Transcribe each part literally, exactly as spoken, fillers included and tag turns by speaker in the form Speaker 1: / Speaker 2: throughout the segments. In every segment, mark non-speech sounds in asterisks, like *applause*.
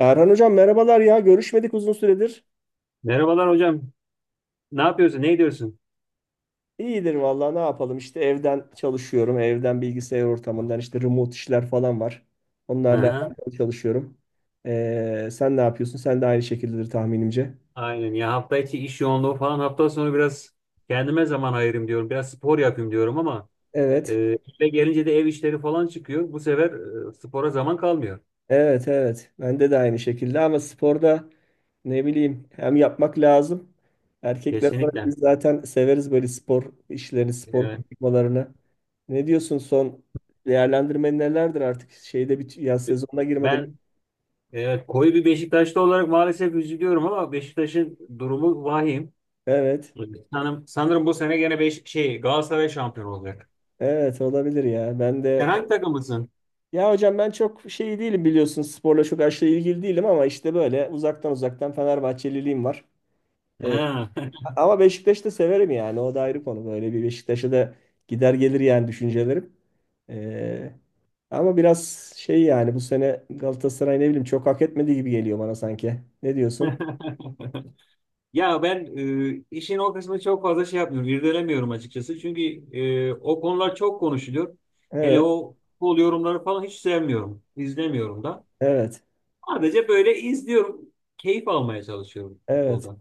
Speaker 1: Erhan hocam merhabalar ya, görüşmedik uzun süredir.
Speaker 2: Merhabalar hocam. Ne yapıyorsun? Ne ediyorsun?
Speaker 1: İyidir vallahi, ne yapalım işte, evden çalışıyorum. Evden bilgisayar ortamından işte remote işler falan var.
Speaker 2: Hı
Speaker 1: Onlarla
Speaker 2: hı.
Speaker 1: alakalı çalışıyorum. Ee, sen ne yapıyorsun? Sen de aynı şekildedir tahminimce.
Speaker 2: Aynen ya, hafta içi iş yoğunluğu falan, hafta sonu biraz kendime zaman ayırayım diyorum. Biraz spor yapayım diyorum ama e,
Speaker 1: Evet.
Speaker 2: eve gelince de ev işleri falan çıkıyor. Bu sefer e, spora zaman kalmıyor.
Speaker 1: Evet, evet. Bende de aynı şekilde ama sporda ne bileyim hem yapmak lazım. Erkekler olarak biz
Speaker 2: Kesinlikle.
Speaker 1: zaten severiz böyle spor işlerini, spor
Speaker 2: Evet.
Speaker 1: konuşmalarını. Ne diyorsun, son değerlendirmen nelerdir artık, şeyde bir yaz sezonuna girmeden?
Speaker 2: Ben, evet, koyu bir Beşiktaşlı olarak maalesef üzülüyorum ama Beşiktaş'ın durumu vahim.
Speaker 1: Evet.
Speaker 2: Sanırım, sanırım bu sene gene beş, şey Galatasaray şampiyon olacak.
Speaker 1: Evet, olabilir ya. Ben
Speaker 2: Sen
Speaker 1: de
Speaker 2: hangi takımlısın?
Speaker 1: ya hocam ben çok şey değilim, biliyorsun sporla çok aşırı ilgili değilim ama işte böyle uzaktan uzaktan Fenerbahçeliliğim var. Ee,
Speaker 2: Ha.
Speaker 1: Ama Beşiktaş'ı da severim yani, o da ayrı konu. Böyle bir Beşiktaş'a da gider gelir yani düşüncelerim. Ee, Ama biraz şey yani, bu sene Galatasaray ne bileyim çok hak etmediği gibi geliyor bana sanki. Ne diyorsun?
Speaker 2: *laughs* Ya ben e, işin o kısmını çok fazla şey yapmıyorum, irdelemiyorum açıkçası. Çünkü e, o konular çok konuşuluyor. Hele
Speaker 1: Evet,
Speaker 2: o futbol yorumları falan hiç sevmiyorum, izlemiyorum da.
Speaker 1: evet,
Speaker 2: Sadece böyle izliyorum, keyif almaya çalışıyorum
Speaker 1: evet.
Speaker 2: futboldan.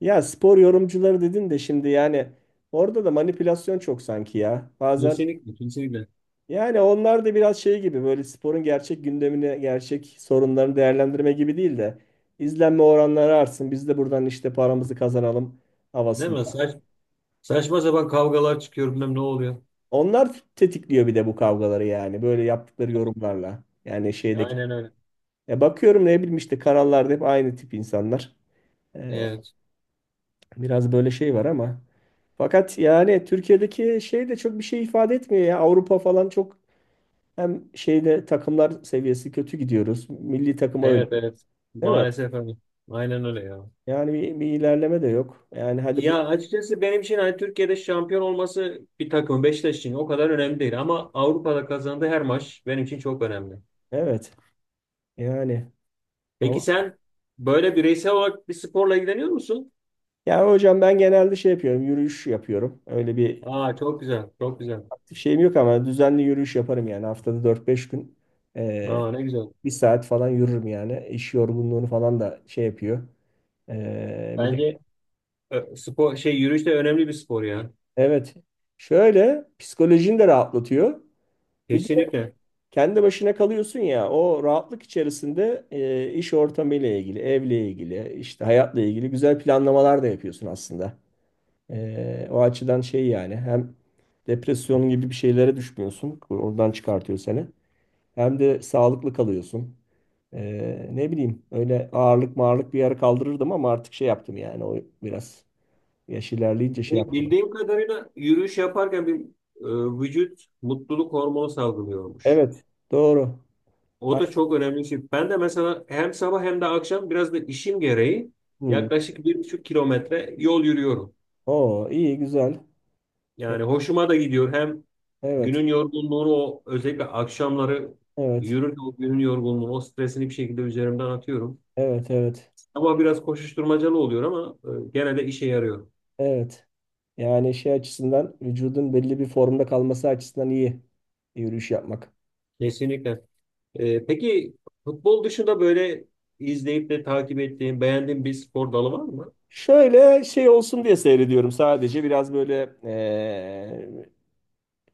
Speaker 1: Ya spor yorumcuları dedin de şimdi yani orada da manipülasyon çok sanki ya. Bazen
Speaker 2: Kesinlikle, kesinlikle.
Speaker 1: yani onlar da biraz şey gibi, böyle sporun gerçek gündemini, gerçek sorunlarını değerlendirme gibi değil de izlenme oranları artsın, biz de buradan işte paramızı kazanalım
Speaker 2: Değil mi?
Speaker 1: havasında.
Speaker 2: Saç, saçma sapan kavgalar çıkıyor, bilmem ne oluyor.
Speaker 1: Onlar tetikliyor bir de bu kavgaları, yani böyle yaptıkları yorumlarla. Yani şeydeki
Speaker 2: Aynen öyle.
Speaker 1: ya, bakıyorum ne bileyim işte kanallarda hep aynı tip insanlar. Ee,
Speaker 2: Evet,
Speaker 1: Biraz böyle şey var ama fakat yani Türkiye'deki şey de çok bir şey ifade etmiyor ya. Avrupa falan çok hem şeyde takımlar seviyesi kötü gidiyoruz. Milli takıma öyle,
Speaker 2: evet, evet.
Speaker 1: değil mi?
Speaker 2: Maalesef öyle. Aynen öyle ya.
Speaker 1: Yani bir, bir ilerleme de yok. Yani hadi bu
Speaker 2: Ya açıkçası benim için hani Türkiye'de şampiyon olması bir takım Beşiktaş için o kadar önemli değil ama Avrupa'da kazandığı her maç benim için çok önemli.
Speaker 1: evet. Yani
Speaker 2: Peki
Speaker 1: Avrupa.
Speaker 2: sen böyle bireysel olarak bir sporla ilgileniyor musun?
Speaker 1: Yani hocam ben genelde şey yapıyorum. Yürüyüş yapıyorum. Öyle bir
Speaker 2: Aa çok güzel, çok güzel.
Speaker 1: aktif şeyim yok ama düzenli yürüyüş yaparım yani. Haftada dört beş gün eee,
Speaker 2: Aa ne güzel.
Speaker 1: bir saat falan yürürüm yani. İş yorgunluğunu falan da şey yapıyor. Eee, bir de
Speaker 2: Bence e, spor şey yürüyüş de önemli bir spor ya.
Speaker 1: evet. Şöyle psikolojini de rahatlatıyor. Bir de
Speaker 2: Kesinlikle.
Speaker 1: kendi başına kalıyorsun ya, o rahatlık içerisinde eee, iş ortamıyla ilgili, evle ilgili, işte hayatla ilgili güzel planlamalar da yapıyorsun aslında. Ee, o açıdan şey yani, hem depresyon gibi bir şeylere düşmüyorsun. Oradan çıkartıyor seni. Hem de sağlıklı kalıyorsun. Ee, ne bileyim öyle ağırlık mağırlık bir yere kaldırırdım ama artık şey yaptım yani, o biraz yaş ilerleyince şey yaptım.
Speaker 2: Bildiğim kadarıyla yürüyüş yaparken bir e, vücut mutluluk hormonu salgılıyormuş.
Speaker 1: Evet, doğru.
Speaker 2: O
Speaker 1: Ay,
Speaker 2: da çok önemli bir şey. Ben de mesela hem sabah hem de akşam biraz da işim gereği
Speaker 1: hmm.
Speaker 2: yaklaşık bir buçuk kilometre yol yürüyorum.
Speaker 1: Oo, iyi, güzel. Ya,
Speaker 2: Yani hoşuma da gidiyor. Hem
Speaker 1: evet,
Speaker 2: günün yorgunluğunu o özellikle akşamları
Speaker 1: evet,
Speaker 2: yürürken o günün yorgunluğunu, o stresini bir şekilde üzerimden atıyorum.
Speaker 1: evet, evet,
Speaker 2: Ama biraz koşuşturmacalı oluyor ama e, gene de işe yarıyor.
Speaker 1: evet. Yani şey açısından, vücudun belli bir formda kalması açısından iyi yürüyüş yapmak.
Speaker 2: Kesinlikle. E, peki futbol dışında böyle izleyip de takip ettiğin, beğendiğin bir spor dalı var mı?
Speaker 1: Şöyle şey olsun diye seyrediyorum sadece, biraz böyle eee,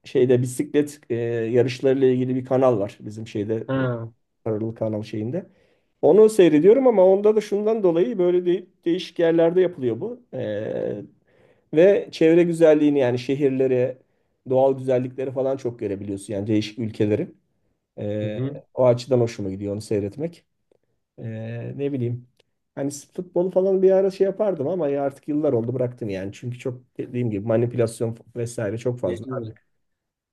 Speaker 1: şeyde bisiklet eee, yarışlarıyla ilgili bir kanal var bizim şeyde e,
Speaker 2: Ha.
Speaker 1: paralı kanal şeyinde. Onu seyrediyorum ama onda da şundan dolayı, böyle de- değişik yerlerde yapılıyor bu. Eee, ve çevre güzelliğini yani, şehirleri, doğal güzellikleri falan çok görebiliyorsun yani, değişik ülkeleri. Eee,
Speaker 2: Hı
Speaker 1: o açıdan hoşuma gidiyor onu seyretmek. Ee, ne bileyim. Hani futbolu falan bir ara şey yapardım ama ya artık yıllar oldu, bıraktım yani. Çünkü çok, dediğim gibi, manipülasyon vesaire çok fazla.
Speaker 2: hı.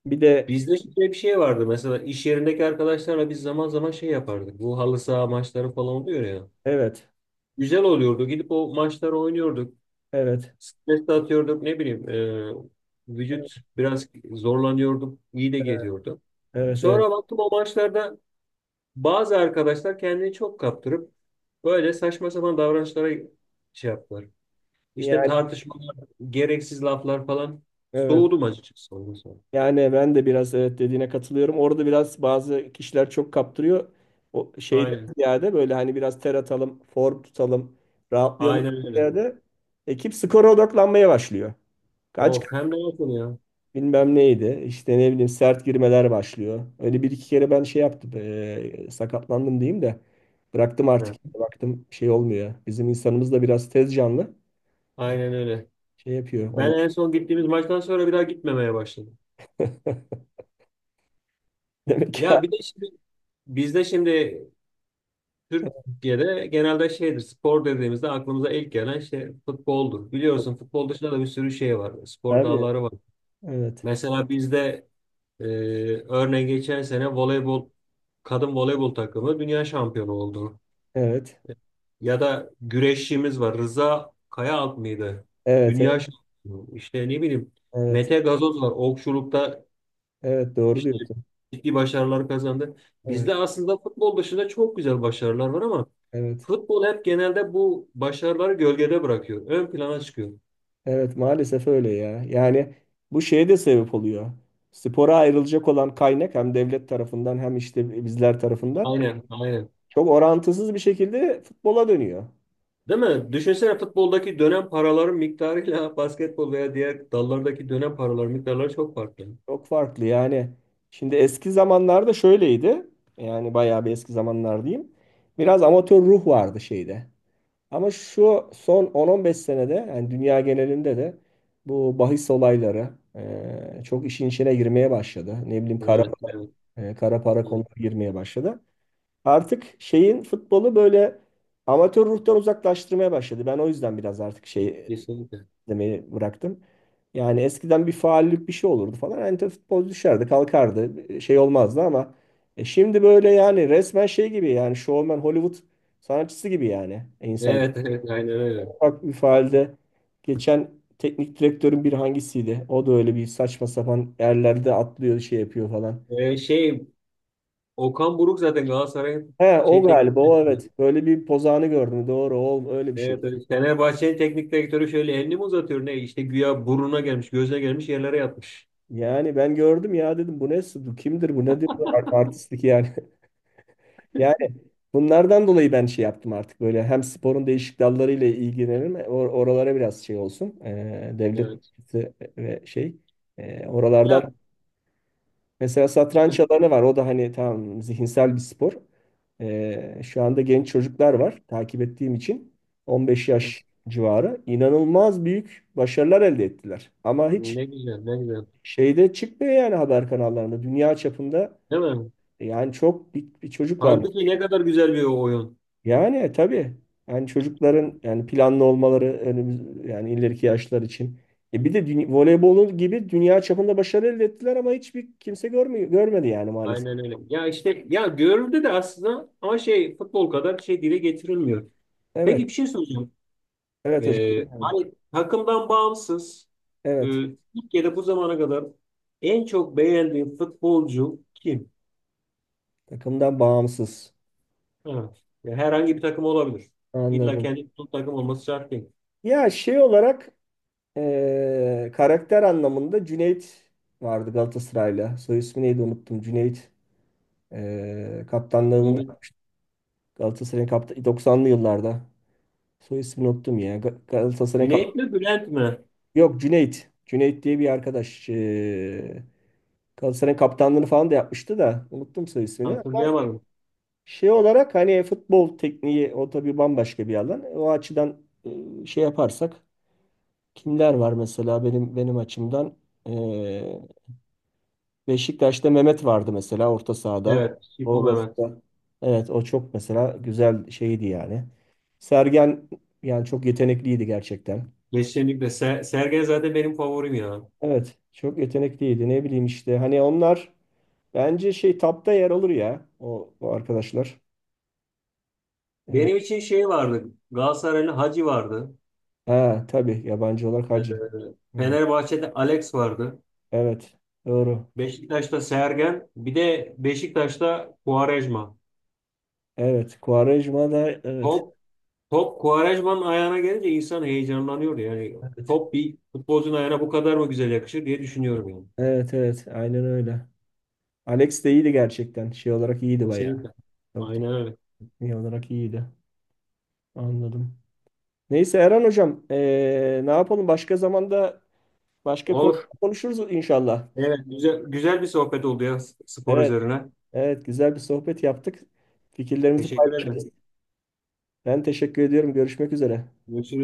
Speaker 1: Bir de
Speaker 2: Bizde şöyle bir şey vardı: mesela iş yerindeki arkadaşlarla biz zaman zaman şey yapardık. Bu halı saha maçları falan oluyor ya.
Speaker 1: evet,
Speaker 2: Güzel oluyordu. Gidip o maçları oynuyorduk.
Speaker 1: evet,
Speaker 2: Stres de atıyorduk, ne bileyim. e, vücut biraz zorlanıyordu, iyi de geliyordu.
Speaker 1: evet, evet.
Speaker 2: Sonra baktım, o maçlarda bazı arkadaşlar kendini çok kaptırıp böyle saçma sapan davranışlara şey yaptılar. İşte
Speaker 1: Yani
Speaker 2: tartışmalar, gereksiz laflar falan.
Speaker 1: evet.
Speaker 2: Soğudum açıkçası ondan sonra.
Speaker 1: Yani ben de biraz evet, dediğine katılıyorum. Orada biraz bazı kişiler çok kaptırıyor. O şeyden
Speaker 2: Aynen.
Speaker 1: ziyade böyle hani biraz ter atalım, form tutalım, rahatlayalım
Speaker 2: Aynen öyle.
Speaker 1: ziyade, ekip skora odaklanmaya başlıyor. Kaç
Speaker 2: Of, hem de yakın ya.
Speaker 1: bilmem neydi. İşte ne bileyim sert girmeler başlıyor. Öyle bir iki kere ben şey yaptım. Eee, sakatlandım diyeyim de. Bıraktım artık
Speaker 2: He.
Speaker 1: yani. Baktım şey olmuyor. Bizim insanımız da biraz tez canlı. E,
Speaker 2: Aynen öyle.
Speaker 1: Şey yapıyor
Speaker 2: Ben
Speaker 1: olay.
Speaker 2: en son gittiğimiz maçtan sonra bir daha gitmemeye başladım.
Speaker 1: *laughs* Demek ki
Speaker 2: Ya bir de şimdi bizde, şimdi Türkiye'de, genelde şeydir, spor dediğimizde aklımıza ilk gelen şey futboldur. Biliyorsun, futbol dışında da bir sürü şey var, spor
Speaker 1: abi.
Speaker 2: dalları var.
Speaker 1: Evet.
Speaker 2: Mesela bizde, e, örneğin geçen sene voleybol kadın voleybol takımı dünya şampiyonu oldu.
Speaker 1: Evet.
Speaker 2: Ya da güreşçimiz var, Rıza Kayaalp mıydı?
Speaker 1: Evet.
Speaker 2: Dünya
Speaker 1: Evet.
Speaker 2: şampiyonu. İşte ne bileyim,
Speaker 1: Evet.
Speaker 2: Mete Gazoz var, okçulukta
Speaker 1: Evet. Doğru
Speaker 2: İşte
Speaker 1: diyorsun.
Speaker 2: ciddi başarılar kazandı.
Speaker 1: Evet.
Speaker 2: Bizde aslında futbol dışında çok güzel başarılar var ama
Speaker 1: Evet.
Speaker 2: futbol hep genelde bu başarıları gölgede bırakıyor, ön plana çıkıyor.
Speaker 1: Evet. Maalesef öyle ya. Yani bu şeye de sebep oluyor. Spora ayrılacak olan kaynak hem devlet tarafından hem işte bizler tarafından
Speaker 2: Aynen, aynen.
Speaker 1: çok orantısız bir şekilde futbola dönüyor.
Speaker 2: Değil mi? Düşünsene, futboldaki dönem paraların miktarıyla *laughs* basketbol veya diğer dallardaki dönem paraların miktarları çok farklı.
Speaker 1: Çok farklı yani. Şimdi eski zamanlarda şöyleydi. Yani bayağı bir eski zamanlar diyeyim. Biraz amatör ruh vardı şeyde. Ama şu son on on beş senede yani dünya genelinde de bu bahis olayları e, çok işin içine girmeye başladı. Ne bileyim kara,
Speaker 2: Evet, evet,
Speaker 1: e, kara para
Speaker 2: evet.
Speaker 1: konuları girmeye başladı. Artık şeyin futbolu böyle amatör ruhtan uzaklaştırmaya başladı. Ben o yüzden biraz artık şey
Speaker 2: Kesinlikle.
Speaker 1: demeyi bıraktım. Yani eskiden bir faullik bir şey olurdu falan. Anita futbolcu düşerdi, kalkardı. Şey olmazdı ama e, şimdi böyle yani resmen şey gibi yani, showman Hollywood sanatçısı gibi yani E, insan.
Speaker 2: Evet, evet, aynen öyle.
Speaker 1: Ufak bir faalde geçen teknik direktörün, bir hangisiydi? O da öyle bir saçma sapan yerlerde atlıyor şey yapıyor falan.
Speaker 2: Ee, şey, Okan Buruk zaten Galatasaray'ın
Speaker 1: He o
Speaker 2: şey teknik
Speaker 1: galiba o,
Speaker 2: direktörü.
Speaker 1: evet. Böyle bir pozağını gördüm. Doğru, o öyle bir şey.
Speaker 2: Evet, evet. Fenerbahçe'nin teknik direktörü şöyle elini mi uzatıyor ne? İşte güya burnuna gelmiş, gözüne gelmiş, yerlere yatmış.
Speaker 1: Yani ben gördüm ya, dedim bu ne, kimdir bu, nedir bu Ar- artistlik yani. *laughs* Bunlardan dolayı ben şey yaptım artık, böyle hem sporun değişik dallarıyla ilgilenirim e, or- oralara biraz şey olsun. Ee, devlet
Speaker 2: Evet.
Speaker 1: bütçesi ve şey ee, oralardan
Speaker 2: Yat.
Speaker 1: mesela satranç
Speaker 2: *laughs*
Speaker 1: alanı var, o da hani tamam zihinsel bir spor. Ee, şu anda genç çocuklar var, takip ettiğim için, on beş yaş civarı inanılmaz büyük başarılar elde ettiler ama hiç
Speaker 2: Ne güzel, ne güzel.
Speaker 1: şeyde çıkmıyor yani, haber kanallarında dünya çapında.
Speaker 2: Değil mi?
Speaker 1: E, yani çok bir, bir çocuk var.
Speaker 2: Halbuki ne kadar güzel bir oyun.
Speaker 1: Yani e, tabii yani çocukların yani planlı olmaları önümüz yani ileriki yaşlar için. E bir de dünya voleybolu gibi dünya çapında başarı elde ettiler ama hiçbir kimse görmüyor, görmedi yani maalesef.
Speaker 2: Aynen öyle. Ya işte, ya görüldü de aslında ama şey futbol kadar şey dile getirilmiyor. Peki,
Speaker 1: Evet,
Speaker 2: bir şey soracağım.
Speaker 1: evet
Speaker 2: Ee,
Speaker 1: hocam.
Speaker 2: hani takımdan bağımsız, e,
Speaker 1: Evet,
Speaker 2: Türkiye'de bu zamana kadar en çok beğendiğin futbolcu kim?
Speaker 1: takımdan bağımsız.
Speaker 2: Evet. Ya, herhangi bir takım olabilir. İlla
Speaker 1: Anladım.
Speaker 2: kendi tuttuğu takım olması şart değil.
Speaker 1: Ya şey olarak e, karakter anlamında Cüneyt vardı Galatasaray'la. Soy ismi neydi, unuttum. Cüneyt e, kaptanlığını da
Speaker 2: Güney,
Speaker 1: yapmış. Galatasaray'ın kapta, doksanlı yıllarda. Soy ismini unuttum ya. Ga- Galatasaray'ın.
Speaker 2: Güney mi Bülent mi?
Speaker 1: Yok Cüneyt. Cüneyt diye bir arkadaş. Ee, Galatasaray'ın kaptanlığını falan da yapmıştı da. Unuttum soy ismini. Ama
Speaker 2: Hatırlayamadım.
Speaker 1: şey olarak hani futbol tekniği o tabii bambaşka bir alan. O açıdan e, şey yaparsak kimler var mesela benim benim açımdan. Ee, Beşiktaş'ta Mehmet vardı mesela orta sahada.
Speaker 2: Evet. Şipo
Speaker 1: O
Speaker 2: Mehmet.
Speaker 1: mesela, evet o çok mesela güzel şeydi yani. Sergen yani çok yetenekliydi gerçekten.
Speaker 2: Kesinlikle. Ser Sergen zaten benim favorim ya.
Speaker 1: Evet çok yetenekliydi, ne bileyim işte hani onlar. Bence şey tapta yer alır ya o, o arkadaşlar. Ee,
Speaker 2: Benim için şey vardı. Galatasaraylı Hacı vardı.
Speaker 1: ha tabii yabancı olarak
Speaker 2: Ee,
Speaker 1: Hacı. Hı,
Speaker 2: Fenerbahçe'de Alex vardı.
Speaker 1: evet doğru.
Speaker 2: Beşiktaş'ta Sergen. Bir de Beşiktaş'ta Quaresma.
Speaker 1: Evet Quaresma da, evet.
Speaker 2: Top, top Quaresma'nın ayağına gelince insan heyecanlanıyordu. Yani
Speaker 1: Evet.
Speaker 2: top bir futbolcunun ayağına bu kadar mı güzel yakışır diye düşünüyorum yani.
Speaker 1: Evet, evet, aynen öyle. Alex de iyiydi gerçekten. Şey olarak iyiydi bayağı.
Speaker 2: Kesinlikle.
Speaker 1: Çok
Speaker 2: Aynen öyle.
Speaker 1: tekniği olarak iyiydi. Anladım. Neyse Erhan hocam ee, ne yapalım, başka zamanda başka konu
Speaker 2: Olur.
Speaker 1: konuşuruz inşallah.
Speaker 2: Evet, güzel, güzel bir sohbet oldu ya, spor
Speaker 1: Evet,
Speaker 2: üzerine.
Speaker 1: evet, güzel bir sohbet yaptık. Fikirlerimizi
Speaker 2: Teşekkür ederim.
Speaker 1: paylaşırız. Ben teşekkür ediyorum. Görüşmek üzere.
Speaker 2: Görüşürüz.